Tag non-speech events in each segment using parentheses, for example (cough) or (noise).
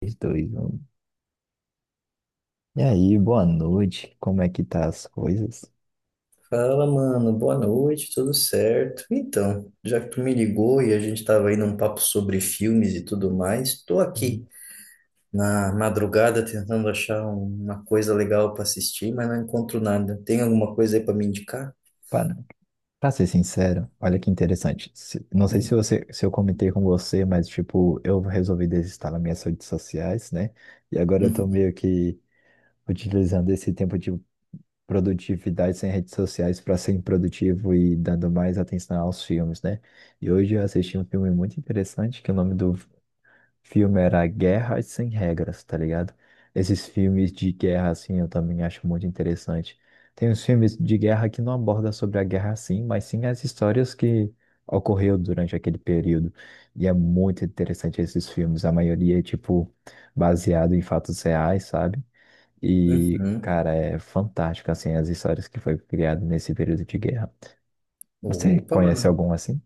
3, 2, 1. E aí, boa noite. Como é que tá as coisas? Fala, mano. Boa noite, tudo certo? Então, já que tu me ligou e a gente tava aí num papo sobre filmes e tudo mais, tô Hum. aqui na madrugada tentando achar uma coisa legal para assistir, mas não encontro nada. Tem alguma coisa aí para me indicar? Para, Pra ser sincero, olha que interessante. Não sei se você, se eu comentei com você, mas tipo, eu resolvi desinstalar minhas redes sociais, né? E agora eu tô meio (laughs) que utilizando esse tempo de produtividade sem redes sociais para ser produtivo e dando mais atenção aos filmes, né? E hoje eu assisti um filme muito interessante, que o nome do filme era Guerras Sem Regras, tá ligado? Esses filmes de guerra, assim, eu também acho muito interessante. Tem uns filmes de guerra que não abordam sobre a guerra, sim, mas sim as histórias que ocorreu durante aquele período. E é muito interessante esses filmes. A maioria é, tipo, baseado em fatos reais, sabe? Uhum, E, uhum. cara, é fantástico, assim, as histórias que foi criado nesse período de guerra. Você Opa, conhece mano. algum assim?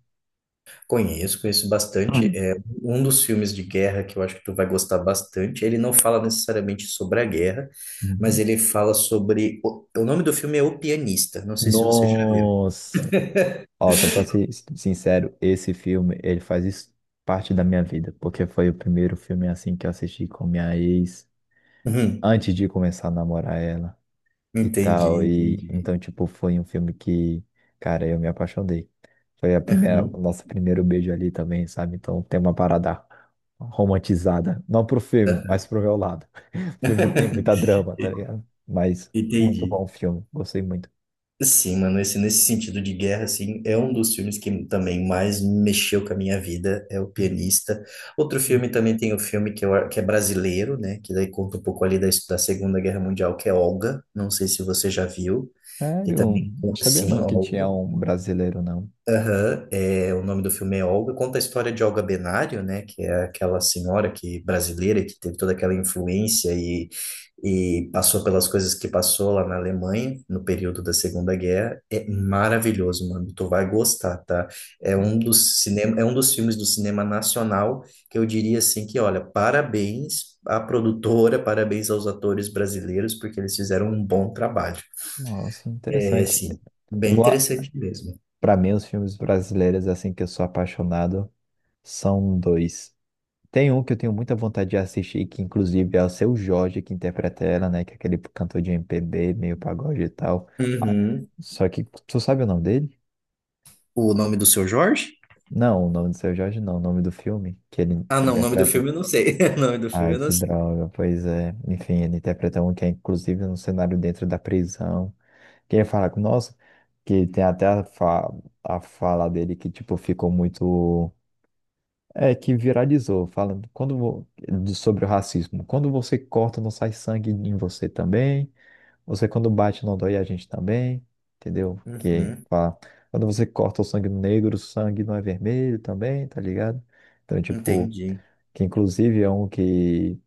Conheço, conheço bastante. Hum. É um dos filmes de guerra que eu acho que tu vai gostar bastante. Ele não fala necessariamente sobre a guerra, mas Uhum. ele fala sobre. O nome do filme é O Pianista. Não sei se você já viu. Nossa! Ó, só pra ser sincero, esse filme, ele faz isso parte da minha vida, porque foi o primeiro filme assim que eu assisti com minha ex, Uhum. antes de começar a namorar ela e Entendi, tal, e entendi. então, tipo, foi um filme que, cara, eu me apaixonei. Foi a primeira, o Uhum. nosso primeiro beijo ali também, sabe? Então tem uma parada romantizada, não pro filme, mas pro meu lado. (laughs) O filme tem muita (laughs) drama, tá ligado? Mas muito Entendi. bom o filme, gostei muito. Sim, mano, nesse sentido de guerra, assim, é um dos filmes que também mais mexeu com a minha vida, é O Pianista. Outro filme também tem o filme que, eu, que é brasileiro, né, que daí conta um pouco ali da Segunda Guerra Mundial, que é Olga, não sei se você já viu, que Sério? também, Não sabia sim, não que Olga. tinha um brasileiro, não. Aham, é, o nome do filme é Olga, conta a história de Olga Benário, né, que é aquela senhora que brasileira que teve toda aquela influência e passou pelas coisas que passou lá na Alemanha no período da Segunda Guerra. É maravilhoso, mano, tu vai gostar, tá? É um dos cinema, é um dos filmes do cinema nacional que eu diria assim que, olha, parabéns à produtora, parabéns aos atores brasileiros porque eles fizeram um bom trabalho. Nossa, É, interessante. assim, bem Eu, a- interessante mesmo. Pra mim, os filmes brasileiros, assim, que eu sou apaixonado, são dois. Tem um que eu tenho muita vontade de assistir, que inclusive é o Seu Jorge que interpreta ela, né? Que é aquele cantor de MPB, meio pagode e tal. Ah, Uhum. só que, tu sabe o nome dele? O nome do seu Jorge? Não, o nome do Seu Jorge não, o nome do filme que ele Ah, não, o nome do interpreta. filme eu não sei. (laughs) O nome do filme Ai, eu não que sei. droga, pois é. Enfim, ele interpreta um que é inclusive um cenário dentro da prisão. Quem fala com nós, que tem até a fala dele que, tipo, ficou muito. É, que viralizou, falando quando, sobre o racismo. Quando você corta, não sai sangue em você também. Você, quando bate, não dói a gente também. Entendeu? Que Uhum, fala. Quando você corta o sangue negro, o sangue não é vermelho também, tá ligado? Então, tipo, entendi. que inclusive é um que.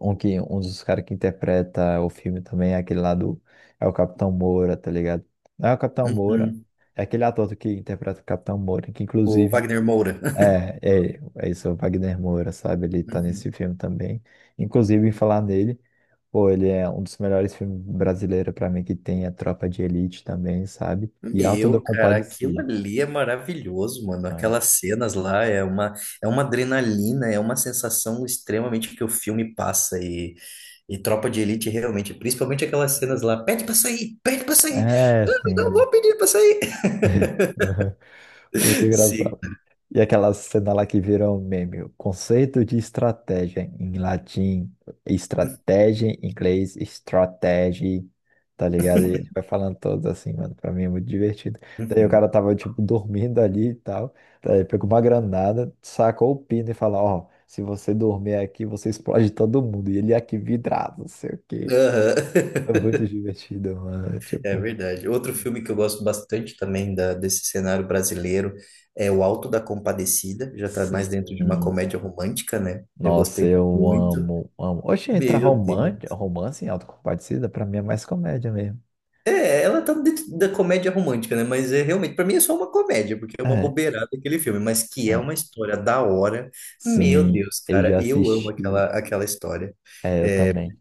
Um dos caras que interpreta o filme também é aquele lá do. É o Capitão Moura, tá ligado? Não é o Capitão Moura. Uhum. É aquele ator que interpreta o Capitão Moura, que O inclusive. Wagner Moura. (laughs) É, É isso, é o Wagner Moura, sabe? Ele tá Uhum. nesse filme também. Inclusive, em falar nele, pô, ele é um dos melhores filmes brasileiros pra mim que tem, a Tropa de Elite também, sabe? E Auto da Meu, cara, aquilo Compadecida. ali é maravilhoso, mano. É, Aquelas cenas lá é uma adrenalina, é uma sensação extremamente que o filme passa. E Tropa de Elite, realmente, principalmente aquelas cenas lá: pede pra sair, pede pra sair. é, Não, sim, não vou sim. pedir pra sair. (laughs) Muito (laughs) Sim. engraçado. E aquela cena lá que virou um meme, o conceito de estratégia em latim, estratégia em inglês, strategy, tá ligado? E ele vai falando todos assim, mano, pra mim é muito divertido. Daí o Uhum. cara tava, tipo, dormindo ali e tal, daí pegou uma granada, sacou o pino e falou, ó, se você dormir aqui, você explode todo mundo. E ele aqui vidrado, não sei o quê. Aham. É muito divertido, mano, É tipo... verdade. Outro filme que eu gosto bastante também da, desse cenário brasileiro é O Alto da Compadecida. Já tá mais dentro de uma Sim. comédia romântica, né? Eu Nossa, gostei eu muito. amo, amo. Oxe, entra Meu romance, Deus. romance em Autocompadecida, pra mim é mais comédia mesmo. É, ela tá dentro da comédia romântica, né? Mas é realmente, para mim é só uma comédia, porque é uma É, bobeirada aquele filme, mas que é uma é. história da hora. Meu Sim, Deus, eu cara, já eu amo assisti. aquela, aquela história. É, eu também.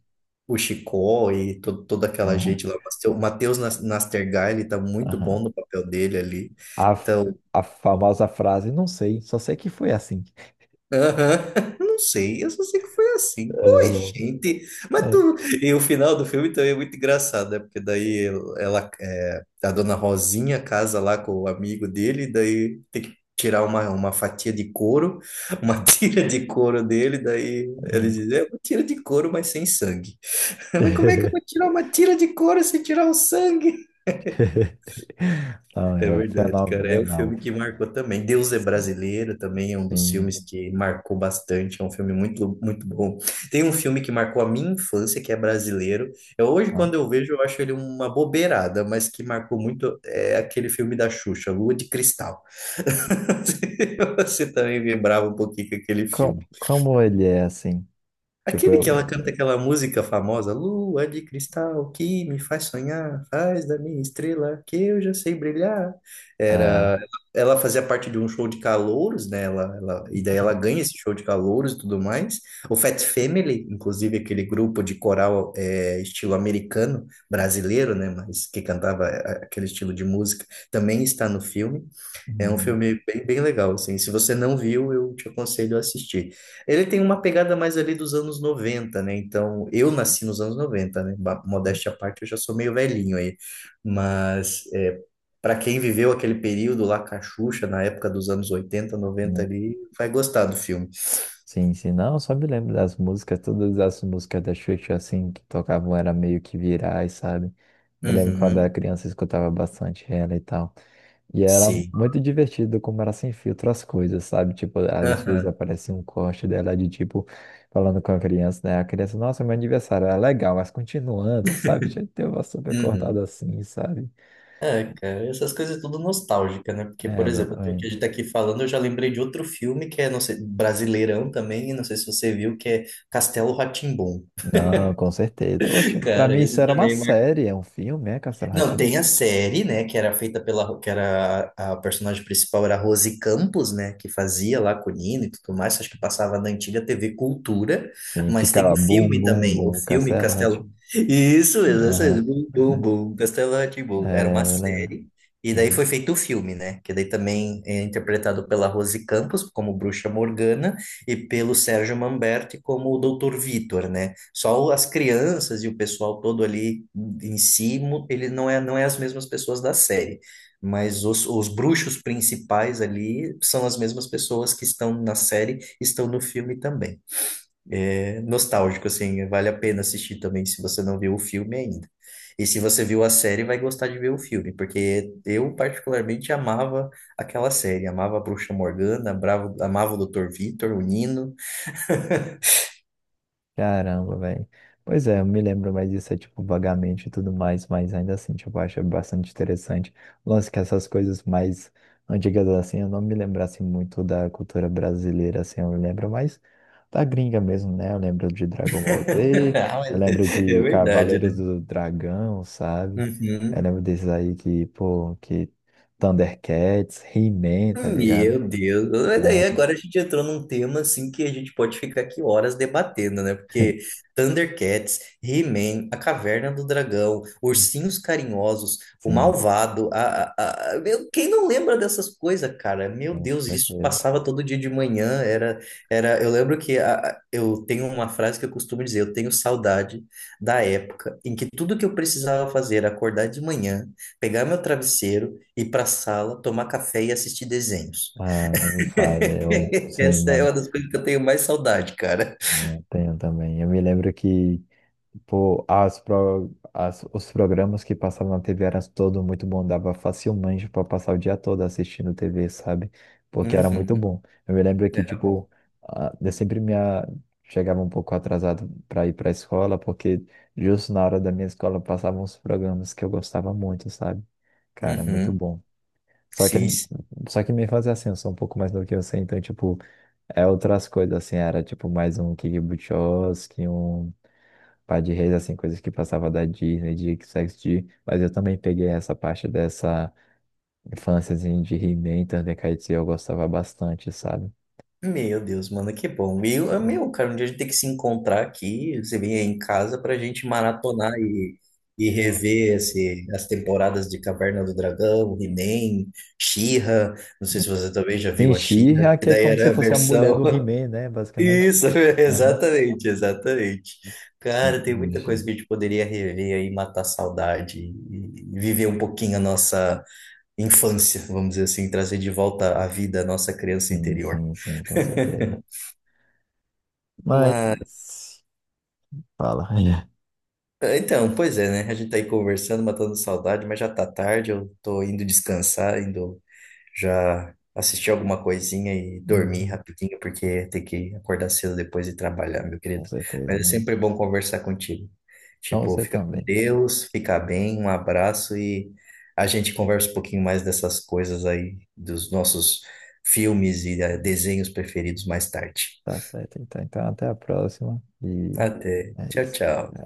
O Chicó e toda aquela Aham, gente lá. O Matheus Nastergal, ele tá muito bom aham. no papel dele ali. A, f- Então, a famosa frase, não sei, só sei que foi assim. aham, (laughs) não sei, eu só sei que foi assim. Oi, (laughs) gente. Mas É, é, tu. E o final do filme também é muito engraçado, né? Porque daí ela, é, a dona Rosinha casa lá com o amigo dele, e daí tem que tirar uma fatia de couro, uma (laughs) tira de couro dele, daí ele é. diz: é uma tira de couro, mas sem sangue. (laughs) Mas como é que eu vou (laughs) tirar uma tira de couro sem tirar o sangue? Não, É é verdade, cara. É o fenomenal. filme que marcou também. Deus é Brasileiro também é um dos Sim, filmes que marcou bastante. É um filme muito, muito bom. Tem um filme que marcou a minha infância, que é brasileiro. Eu, hoje, quando não. eu vejo, eu acho ele uma bobeirada, mas que marcou muito é aquele filme da Xuxa, Lua de Cristal. (laughs) Você também vibrava um pouquinho com aquele Como, filme. como ele é assim? Tipo, Aquele que eu. ela canta aquela música famosa, Lua de cristal que me faz sonhar, faz da minha estrela que eu já sei brilhar. Era, Ah, ela fazia parte de um show de calouros, né? Ela e daí ela hum, ganha esse show de calouros e tudo mais. O Fat Family, inclusive aquele grupo de coral é, estilo americano, brasileiro, né? Mas que cantava é, aquele estilo de música, também está no filme. É um hum, filme bem, bem legal, assim. Se você não viu, eu te aconselho a assistir. Ele tem uma pegada mais ali dos anos 90, né? Então, eu nasci nos anos 90, né? Hum, Modéstia à parte, eu já sou meio velhinho aí. Mas, é, para quem viveu aquele período lá com a Xuxa, na época dos anos 80, 90 hum. ali, vai gostar do filme. Sim, sim, não, eu só me lembro das músicas, todas as músicas da Xuxa, assim, que tocavam era meio que virais, sabe? Me lembro quando era Uhum, criança, eu escutava bastante ela e tal. E era sim. muito divertido como era sem filtro as coisas, sabe? Tipo, às vezes Aham, aparecia um corte dela de tipo, falando com a criança, né? A criança, nossa, meu aniversário era legal, mas continuando, sabe? Tinha que ter uma super cortada uhum. assim, sabe? É, cara, essas coisas é tudo nostálgica, né? Porque, É, por exemplo, o que a exatamente. gente tá aqui falando, eu já lembrei de outro filme que é, não sei, brasileirão também, não sei se você viu, que é Castelo rá (laughs) Não, com certeza. Oxe, pra cara, mim isso esse era uma também é série, é um filme, é Castelo rá não, tim. tem a série, né, que era feita pela, que era a personagem principal era a Rose Campos, né, que fazia lá com o Nino e tudo mais, acho que passava na antiga TV Cultura, Sim, que mas tem ficava o bum, filme bum, também, o bum, filme castelo, Castelo. rá-tim. Isso mesmo, Aham, bum, bum, aham. bum, Castelo rá tim era É, uma eu lembro. série, e daí Uhum. foi feito o filme, né, que daí também é interpretado pela Rose Campos como Bruxa Morgana e pelo Sérgio Manberti como o Doutor Vitor, né, só as crianças e o pessoal todo ali em si, mu- ele não é, não é as mesmas pessoas da série. Mas os bruxos principais ali são as mesmas pessoas que estão na série, estão no filme também. É nostálgico, assim, vale a pena assistir também se você não viu o filme ainda. E se você viu a série, vai gostar de ver o filme, porque eu particularmente amava aquela série, amava a Bruxa Morgana, bravo- amava o Dr. Vitor, o Nino. Caramba, velho. Pois é, eu me lembro mais disso, é, tipo, vagamente e tudo mais, mas ainda assim, tipo, eu acho bastante interessante. O lance que essas coisas mais antigas, assim, eu não me lembrasse muito da cultura brasileira, assim, eu me lembro mais da gringa mesmo, né? Eu lembro de Dragon Ball (laughs) Z, Ah, eu mas lembro é de verdade, Cavaleiros né? do Dragão, sabe? Eu Uhum. lembro desses aí que, pô, que Thundercats, He-Man, tá ligado? Meu Deus, mas daí É, agora a gente entrou num tema assim que a gente pode ficar aqui horas debatendo, né? Porque (laughs) Thundercats, He-Man, A Caverna do Dragão, Ursinhos Carinhosos, O sim, Malvado, meu, quem não lembra dessas coisas, cara? Meu com Deus, isso certeza. passava todo dia de manhã, eu lembro que eu tenho uma frase que eu costumo dizer, eu tenho saudade da época em que tudo que eu precisava fazer era acordar de manhã, pegar meu travesseiro, ir para a sala, tomar café e assistir desenhos. Ah, nem me fale, eu (laughs) sim, Essa é mano, uma das coisas que eu tenho mais saudade, cara. eu tenho também. Eu me lembro que, tipo, as pro, as, os programas que passavam na TV eram todos muito bons, dava facilmente para passar o dia todo assistindo TV, sabe? Porque era muito Uhum. bom. Eu me lembro que, Era bom. tipo, ah, eu sempre me a- chegava um pouco atrasado para ir para a escola, porque justo na hora da minha escola passavam os programas que eu gostava muito, sabe? Cara, muito Uhum. bom. Só que, Sim. Sim. só que me fazia assim, eu sou um pouco mais novo que você, então, tipo. É outras coisas, assim, era tipo mais um Kick Buttowski, um Par de Reis, assim, coisas que passava da Disney, de XXD, mas eu também peguei essa parte dessa infância, assim, de He-Man, Thundercats, e eu gostava bastante, sabe? Meu Deus, mano, que bom. E eu, meu, cara, um dia a gente tem que se encontrar aqui. Você vem aí em casa pra gente maratonar e rever as temporadas de Caverna do Dragão, He-Man, She-Ra. Não sei se você também já Tem viu a She-Ra, She-Ra, que que é daí como se era a fosse a mulher versão. do He-Man, né, basicamente. Isso, (laughs) Aham. exatamente, exatamente. Sim, Cara, tem muita coisa que sim, a gente poderia rever aí, matar a saudade e viver um pouquinho a nossa infância, vamos dizer assim, trazer de volta à vida a nossa criança sim, interior. sim, sim, com certeza. Mas Mas, fala. (laughs) Então, pois é, né? A gente tá aí conversando, matando saudade, mas já tá tarde, eu tô indo descansar, indo já assistir alguma coisinha e dormir Uhum, rapidinho, porque tem que acordar cedo depois e trabalhar, meu com querido. certeza, Mas é né? sempre bom conversar contigo. Então Tipo, você fica com também. Deus, fica bem, um abraço e a gente conversa um pouquinho mais dessas coisas aí, dos nossos filmes e desenhos preferidos mais tarde. Tá certo, então. Então, até a próxima. E Até. é Tchau, isso. tchau.